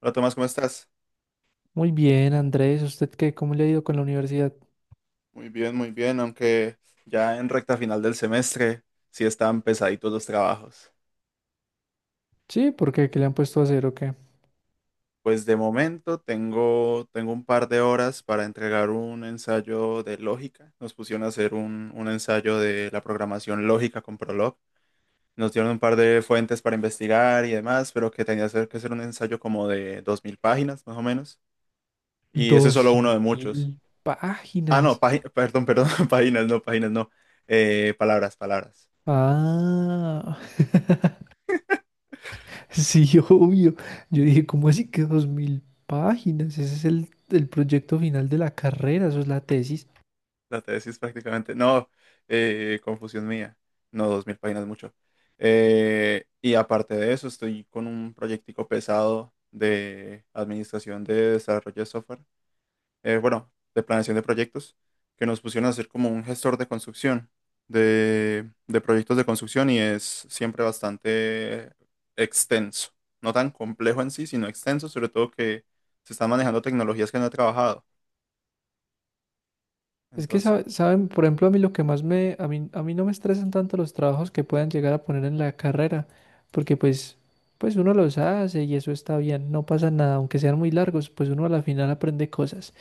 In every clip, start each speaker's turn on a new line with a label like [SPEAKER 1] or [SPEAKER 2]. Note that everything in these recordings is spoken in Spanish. [SPEAKER 1] Hola Tomás, ¿cómo estás?
[SPEAKER 2] Muy bien, Andrés, ¿usted qué? ¿Cómo le ha ido con la universidad?
[SPEAKER 1] Muy bien, aunque ya en recta final del semestre sí están pesaditos los trabajos.
[SPEAKER 2] Sí, ¿por qué? ¿Qué le han puesto a hacer o qué?
[SPEAKER 1] Pues de momento tengo un par de horas para entregar un ensayo de lógica. Nos pusieron a hacer un ensayo de la programación lógica con Prolog. Nos dieron un par de fuentes para investigar y demás, pero que tenía que ser un ensayo como de 2000 páginas, más o menos. Y ese es solo
[SPEAKER 2] Dos
[SPEAKER 1] uno de muchos.
[SPEAKER 2] mil
[SPEAKER 1] Ah, no,
[SPEAKER 2] páginas.
[SPEAKER 1] perdón, páginas, no, páginas, no. Palabras, palabras.
[SPEAKER 2] Ah, sí, obvio. Yo dije, ¿cómo así que 2000 páginas? Ese es el proyecto final de la carrera, eso es la tesis.
[SPEAKER 1] La tesis prácticamente. No, confusión mía. No, 2000 páginas mucho. Y aparte de eso, estoy con un proyectico pesado de administración de desarrollo de software. Bueno, de planeación de proyectos, que nos pusieron a hacer como un gestor de construcción, de proyectos de construcción y es siempre bastante extenso. No tan complejo en sí, sino extenso, sobre todo que se están manejando tecnologías que no he trabajado.
[SPEAKER 2] Es que
[SPEAKER 1] Entonces,
[SPEAKER 2] saben, por ejemplo, a mí lo que más me, a mí no me estresan tanto los trabajos que puedan llegar a poner en la carrera, porque pues uno los hace y eso está bien, no pasa nada, aunque sean muy largos, pues uno a la final aprende cosas.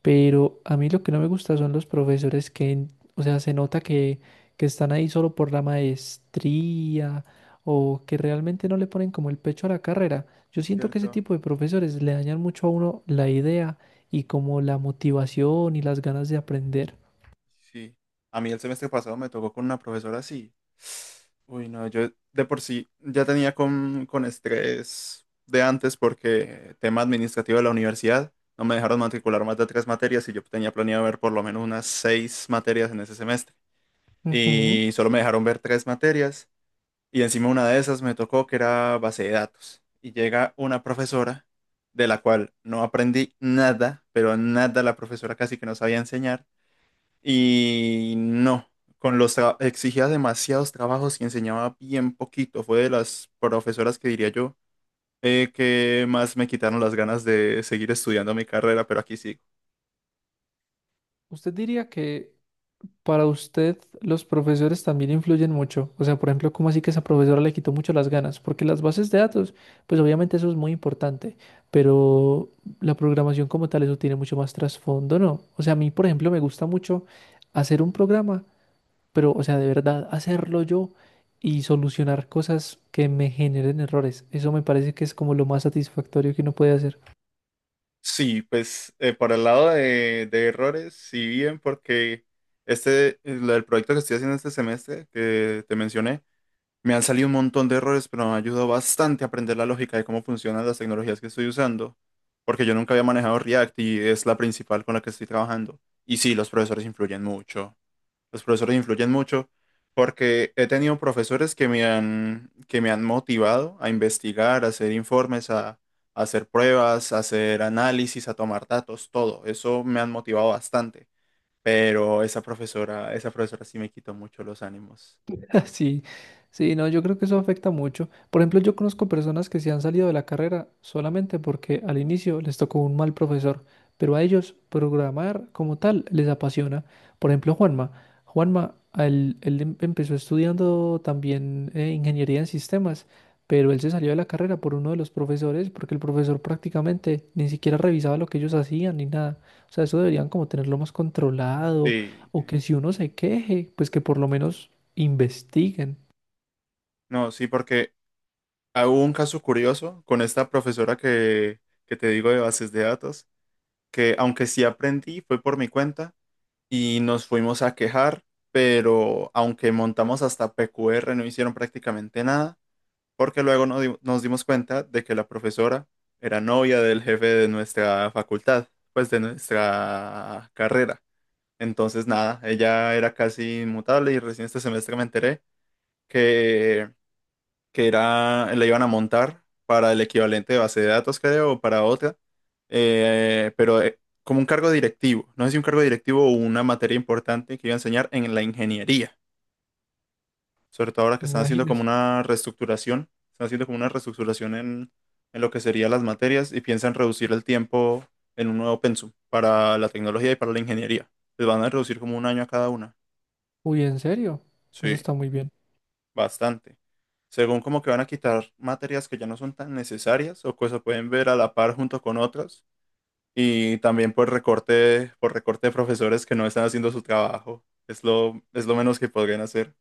[SPEAKER 2] Pero a mí lo que no me gusta son los profesores que, o sea, se nota que están ahí solo por la maestría o que realmente no le ponen como el pecho a la carrera. Yo
[SPEAKER 1] es
[SPEAKER 2] siento que ese
[SPEAKER 1] cierto.
[SPEAKER 2] tipo de profesores le dañan mucho a uno la idea y como la motivación y las ganas de aprender.
[SPEAKER 1] Sí, a mí el semestre pasado me tocó con una profesora así. Uy, no, yo de por sí ya tenía con estrés de antes porque tema administrativo de la universidad, no me dejaron matricular más de tres materias y yo tenía planeado ver por lo menos unas seis materias en ese semestre.
[SPEAKER 2] Ujú.
[SPEAKER 1] Y solo me dejaron ver tres materias y encima una de esas me tocó que era base de datos. Y llega una profesora de la cual no aprendí nada, pero nada, la profesora casi que no sabía enseñar y no, exigía demasiados trabajos y enseñaba bien poquito. Fue de las profesoras que diría yo, que más me quitaron las ganas de seguir estudiando mi carrera, pero aquí sigo.
[SPEAKER 2] ¿Usted diría que para usted los profesores también influyen mucho? O sea, por ejemplo, ¿cómo así que esa profesora le quitó mucho las ganas? Porque las bases de datos, pues obviamente eso es muy importante, pero la programación como tal, eso tiene mucho más trasfondo, ¿no? O sea, a mí, por ejemplo, me gusta mucho hacer un programa, pero, o sea, de verdad, hacerlo yo y solucionar cosas que me generen errores. Eso me parece que es como lo más satisfactorio que uno puede hacer.
[SPEAKER 1] Sí, pues, por el lado de errores, sí bien, porque el proyecto que estoy haciendo este semestre, que te mencioné, me han salido un montón de errores, pero me ayudó bastante a aprender la lógica de cómo funcionan las tecnologías que estoy usando, porque yo nunca había manejado React y es la principal con la que estoy trabajando. Y sí, los profesores influyen mucho. Los profesores influyen mucho porque he tenido profesores que me han motivado a investigar, a hacer informes, a hacer pruebas, a hacer análisis, a tomar datos, todo. Eso me han motivado bastante, pero esa profesora sí me quitó mucho los ánimos.
[SPEAKER 2] Sí, sí, no, yo creo que eso afecta mucho. Por ejemplo, yo conozco personas que se han salido de la carrera solamente porque al inicio les tocó un mal profesor, pero a ellos programar como tal les apasiona. Por ejemplo, Juanma. Juanma, a él, él empezó estudiando también ingeniería en sistemas, pero él se salió de la carrera por uno de los profesores porque el profesor prácticamente ni siquiera revisaba lo que ellos hacían ni nada. O sea, eso deberían como tenerlo más controlado
[SPEAKER 1] Sí,
[SPEAKER 2] o
[SPEAKER 1] sí.
[SPEAKER 2] que si uno se queje, pues que por lo menos investiguen,
[SPEAKER 1] No, sí, porque... hubo un caso curioso con esta que te digo de bases de datos, que aunque sí aprendí, fue por mi cuenta y nos fuimos a quejar, pero aunque montamos hasta PQR no hicieron prácticamente nada, porque luego nos dimos cuenta de que la profesora era novia del jefe de nuestra facultad, pues de nuestra carrera. Entonces, nada, ella era casi inmutable y recién este semestre me enteré que era, la iban a montar para el equivalente de base de datos, creo, o para otra, pero como un cargo directivo, no sé si un cargo directivo o una materia importante que iba a enseñar en la ingeniería, sobre todo ahora que están haciendo como
[SPEAKER 2] imagínense.
[SPEAKER 1] una reestructuración, están haciendo como una reestructuración en lo que serían las materias y piensan reducir el tiempo en un nuevo pensum para la tecnología y para la ingeniería. Les van a reducir como un año a cada una.
[SPEAKER 2] Uy, ¿en serio? Eso
[SPEAKER 1] Sí,
[SPEAKER 2] está muy bien.
[SPEAKER 1] bastante. Según, como que van a quitar materias que ya no son tan necesarias o que se pueden ver a la par junto con otras. Y también por recorte de profesores que no están haciendo su trabajo. Es lo menos que podrían hacer.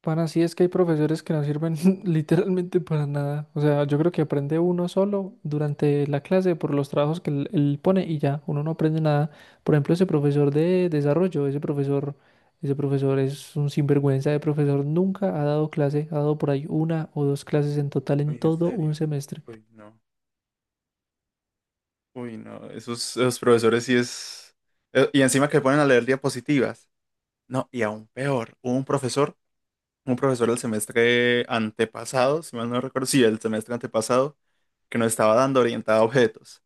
[SPEAKER 2] Para así es que hay profesores que no sirven literalmente para nada. O sea, yo creo que aprende uno solo durante la clase por los trabajos que él pone y ya, uno no aprende nada. Por ejemplo, ese profesor de desarrollo, ese profesor es un sinvergüenza de profesor, nunca ha dado clase, ha dado por ahí una o dos clases en total en
[SPEAKER 1] Uy, ¿en
[SPEAKER 2] todo un
[SPEAKER 1] serio?
[SPEAKER 2] semestre.
[SPEAKER 1] Uy, no. Uy, no. Esos profesores sí es... Y encima que ponen a leer diapositivas. No, y aún peor. Un profesor del semestre antepasado, si mal no recuerdo, sí, el semestre antepasado, que nos estaba dando orientada a objetos.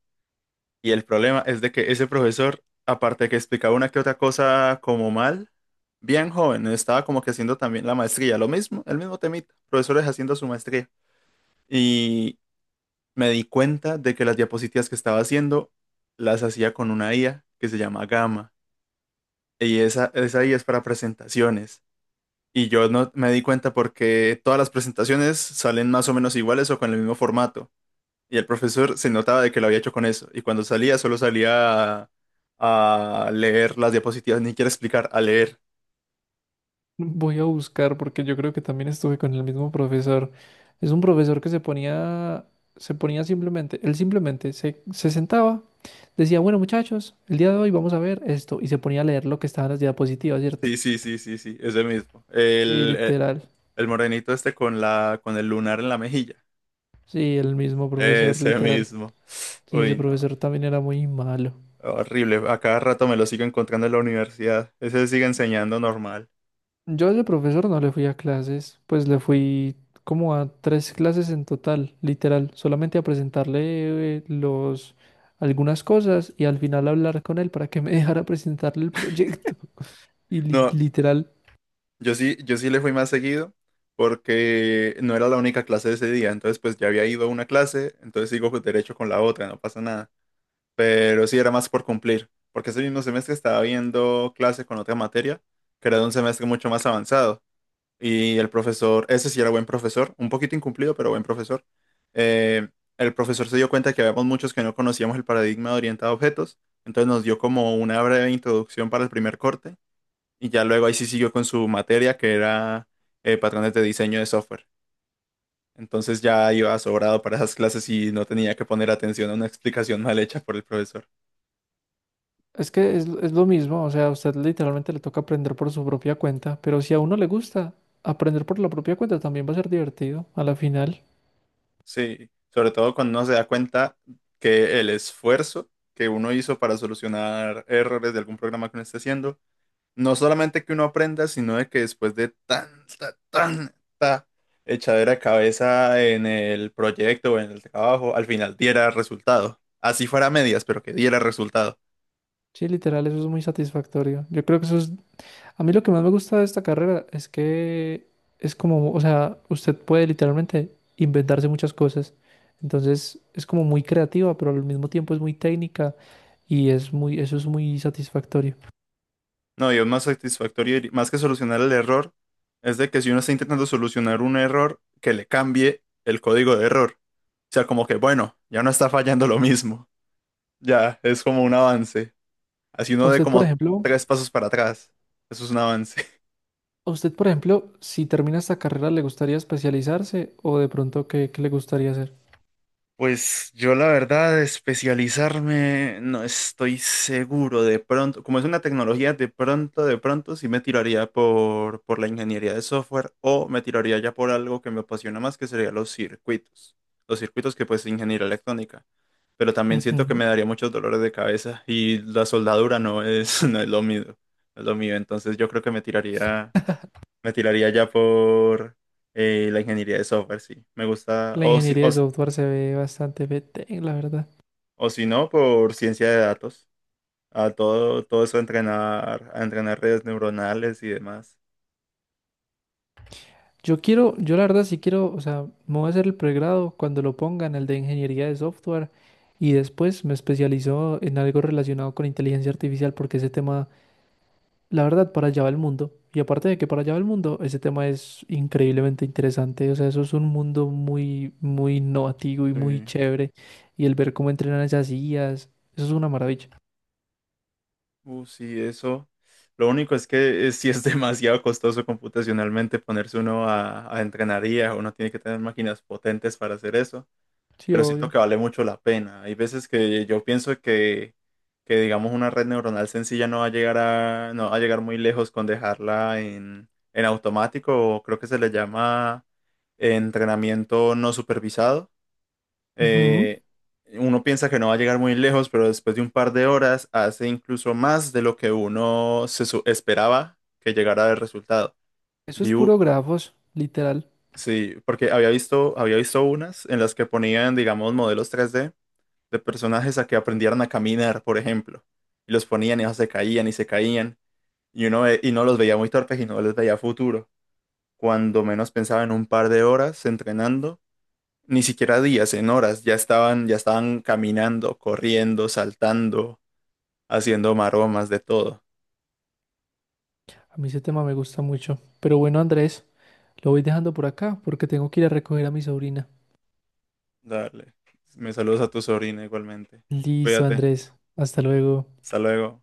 [SPEAKER 1] Y el problema es de que ese profesor, aparte de que explicaba una que otra cosa como mal, bien joven, estaba como que haciendo también la maestría, lo mismo, el mismo temita, profesores haciendo su maestría. Y me di cuenta de que las diapositivas que estaba haciendo las hacía con una IA que se llama Gamma. Y esa IA es para presentaciones. Y yo no me di cuenta porque todas las presentaciones salen más o menos iguales o con el mismo formato. Y el profesor se notaba de que lo había hecho con eso. Y cuando salía, solo salía a leer las diapositivas, ni quiere explicar, a leer.
[SPEAKER 2] Voy a buscar porque yo creo que también estuve con el mismo profesor. Es un profesor que se ponía simplemente, él simplemente se sentaba, decía, bueno muchachos, el día de hoy vamos a ver esto y se ponía a leer lo que estaba en las diapositivas, ¿cierto?
[SPEAKER 1] Sí, sí, sí, sí, sí, es ese mismo.
[SPEAKER 2] Sí, literal.
[SPEAKER 1] El morenito este con con el lunar en la mejilla.
[SPEAKER 2] Sí, el mismo profesor,
[SPEAKER 1] Ese
[SPEAKER 2] literal.
[SPEAKER 1] mismo.
[SPEAKER 2] Sí, ese
[SPEAKER 1] Uy, no.
[SPEAKER 2] profesor también era muy malo.
[SPEAKER 1] Horrible. A cada rato me lo sigo encontrando en la universidad. Ese sigue enseñando normal.
[SPEAKER 2] Yo de profesor no le fui a clases, pues le fui como a tres clases en total, literal, solamente a presentarle los algunas cosas y al final hablar con él para que me dejara presentarle el proyecto. Y
[SPEAKER 1] No,
[SPEAKER 2] literal,
[SPEAKER 1] yo sí, yo sí le fui más seguido porque no era la única clase de ese día. Entonces, pues ya había ido a una clase, entonces sigo derecho con la otra, no pasa nada. Pero sí era más por cumplir, porque ese mismo semestre estaba viendo clase con otra materia, que era de un semestre mucho más avanzado, y el profesor, ese sí era buen profesor, un poquito incumplido, pero buen profesor. Eh, el profesor se dio cuenta que habíamos muchos que no conocíamos el paradigma de orientado a objetos, entonces nos dio como una breve introducción para el primer corte, y ya luego ahí sí siguió con su materia, que era patrones de diseño de software. Entonces ya iba sobrado para esas clases y no tenía que poner atención a una explicación mal hecha por el profesor.
[SPEAKER 2] es que es lo mismo, o sea, a usted literalmente le toca aprender por su propia cuenta, pero si a uno le gusta aprender por la propia cuenta también va a ser divertido a la final.
[SPEAKER 1] Sí, sobre todo cuando uno se da cuenta que el esfuerzo que uno hizo para solucionar errores de algún programa que uno esté haciendo, no solamente que uno aprenda, sino de que después de tanta echadera de cabeza en el proyecto o en el trabajo, al final diera resultado. Así fuera a medias, pero que diera resultado.
[SPEAKER 2] Sí, literal, eso es muy satisfactorio. Yo creo que eso es... A mí lo que más me gusta de esta carrera es que es como, o sea, usted puede literalmente inventarse muchas cosas. Entonces es como muy creativa, pero al mismo tiempo es muy técnica y es muy, eso es muy satisfactorio.
[SPEAKER 1] No, y es más satisfactorio, y más que solucionar el error, es de que si uno está intentando solucionar un error, que le cambie el código de error. O sea, como que, bueno, ya no está fallando lo mismo. Ya, es como un avance. Así
[SPEAKER 2] A
[SPEAKER 1] uno de
[SPEAKER 2] usted, por
[SPEAKER 1] como
[SPEAKER 2] ejemplo,
[SPEAKER 1] tres pasos para atrás. Eso es un avance.
[SPEAKER 2] a usted, por ejemplo, si termina esta carrera, ¿le gustaría especializarse o de pronto qué, qué le gustaría hacer?
[SPEAKER 1] Pues yo la verdad, especializarme, no estoy seguro. De pronto, como es una tecnología, de pronto sí me tiraría por la ingeniería de software o me tiraría ya por algo que me apasiona más, que sería los circuitos. Los circuitos que pues ingeniería electrónica. Pero también siento que
[SPEAKER 2] Ujú.
[SPEAKER 1] me daría muchos dolores de cabeza y la soldadura no es lo mío. No es lo mío. Entonces yo creo que me tiraría... Me tiraría ya por la ingeniería de software, sí. Me gusta,
[SPEAKER 2] La
[SPEAKER 1] o si,
[SPEAKER 2] ingeniería
[SPEAKER 1] o,
[SPEAKER 2] de
[SPEAKER 1] s-
[SPEAKER 2] software se ve bastante vete, la verdad.
[SPEAKER 1] o si no, por ciencia de datos. A todo eso a entrenar redes neuronales y demás.
[SPEAKER 2] Yo quiero, yo la verdad sí quiero, o sea, me voy a hacer el pregrado cuando lo pongan, el de ingeniería de software, y después me especializo en algo relacionado con inteligencia artificial, porque ese tema, la verdad, para allá va el mundo. Y aparte de que para allá va el mundo, ese tema es increíblemente interesante. O sea, eso es un mundo muy, muy innovativo y muy
[SPEAKER 1] Sí.
[SPEAKER 2] chévere. Y el ver cómo entrenan esas IAs, eso es una maravilla.
[SPEAKER 1] Sí, eso. Lo único es que sí es demasiado costoso computacionalmente ponerse uno a entrenar IA. Uno tiene que tener máquinas potentes para hacer eso.
[SPEAKER 2] Sí,
[SPEAKER 1] Pero siento
[SPEAKER 2] obvio.
[SPEAKER 1] que vale mucho la pena. Hay veces que yo pienso que digamos, una red neuronal sencilla no va a llegar no va a llegar muy lejos con dejarla en automático, o creo que se le llama entrenamiento no supervisado.
[SPEAKER 2] Ujú.
[SPEAKER 1] Eh, Uno piensa que no va a llegar muy lejos, pero después de un par de horas hace incluso más de lo que uno se esperaba que llegara el resultado.
[SPEAKER 2] Eso es
[SPEAKER 1] View,
[SPEAKER 2] puro grafos, literal.
[SPEAKER 1] sí, porque había había visto unas en las que ponían, digamos, modelos 3D de personajes a que aprendieran a caminar, por ejemplo. Y los ponían y ellos se caían. Y y no los veía muy torpes y no les veía futuro. Cuando menos pensaba, en un par de horas entrenando, ni siquiera días, en horas, ya estaban caminando, corriendo, saltando, haciendo maromas, de todo.
[SPEAKER 2] A mí ese tema me gusta mucho. Pero bueno, Andrés. Lo voy dejando por acá porque tengo que ir a recoger a mi sobrina.
[SPEAKER 1] Dale. Me saludas a tu sobrina igualmente.
[SPEAKER 2] Listo,
[SPEAKER 1] Cuídate.
[SPEAKER 2] Andrés. Hasta luego.
[SPEAKER 1] Hasta luego.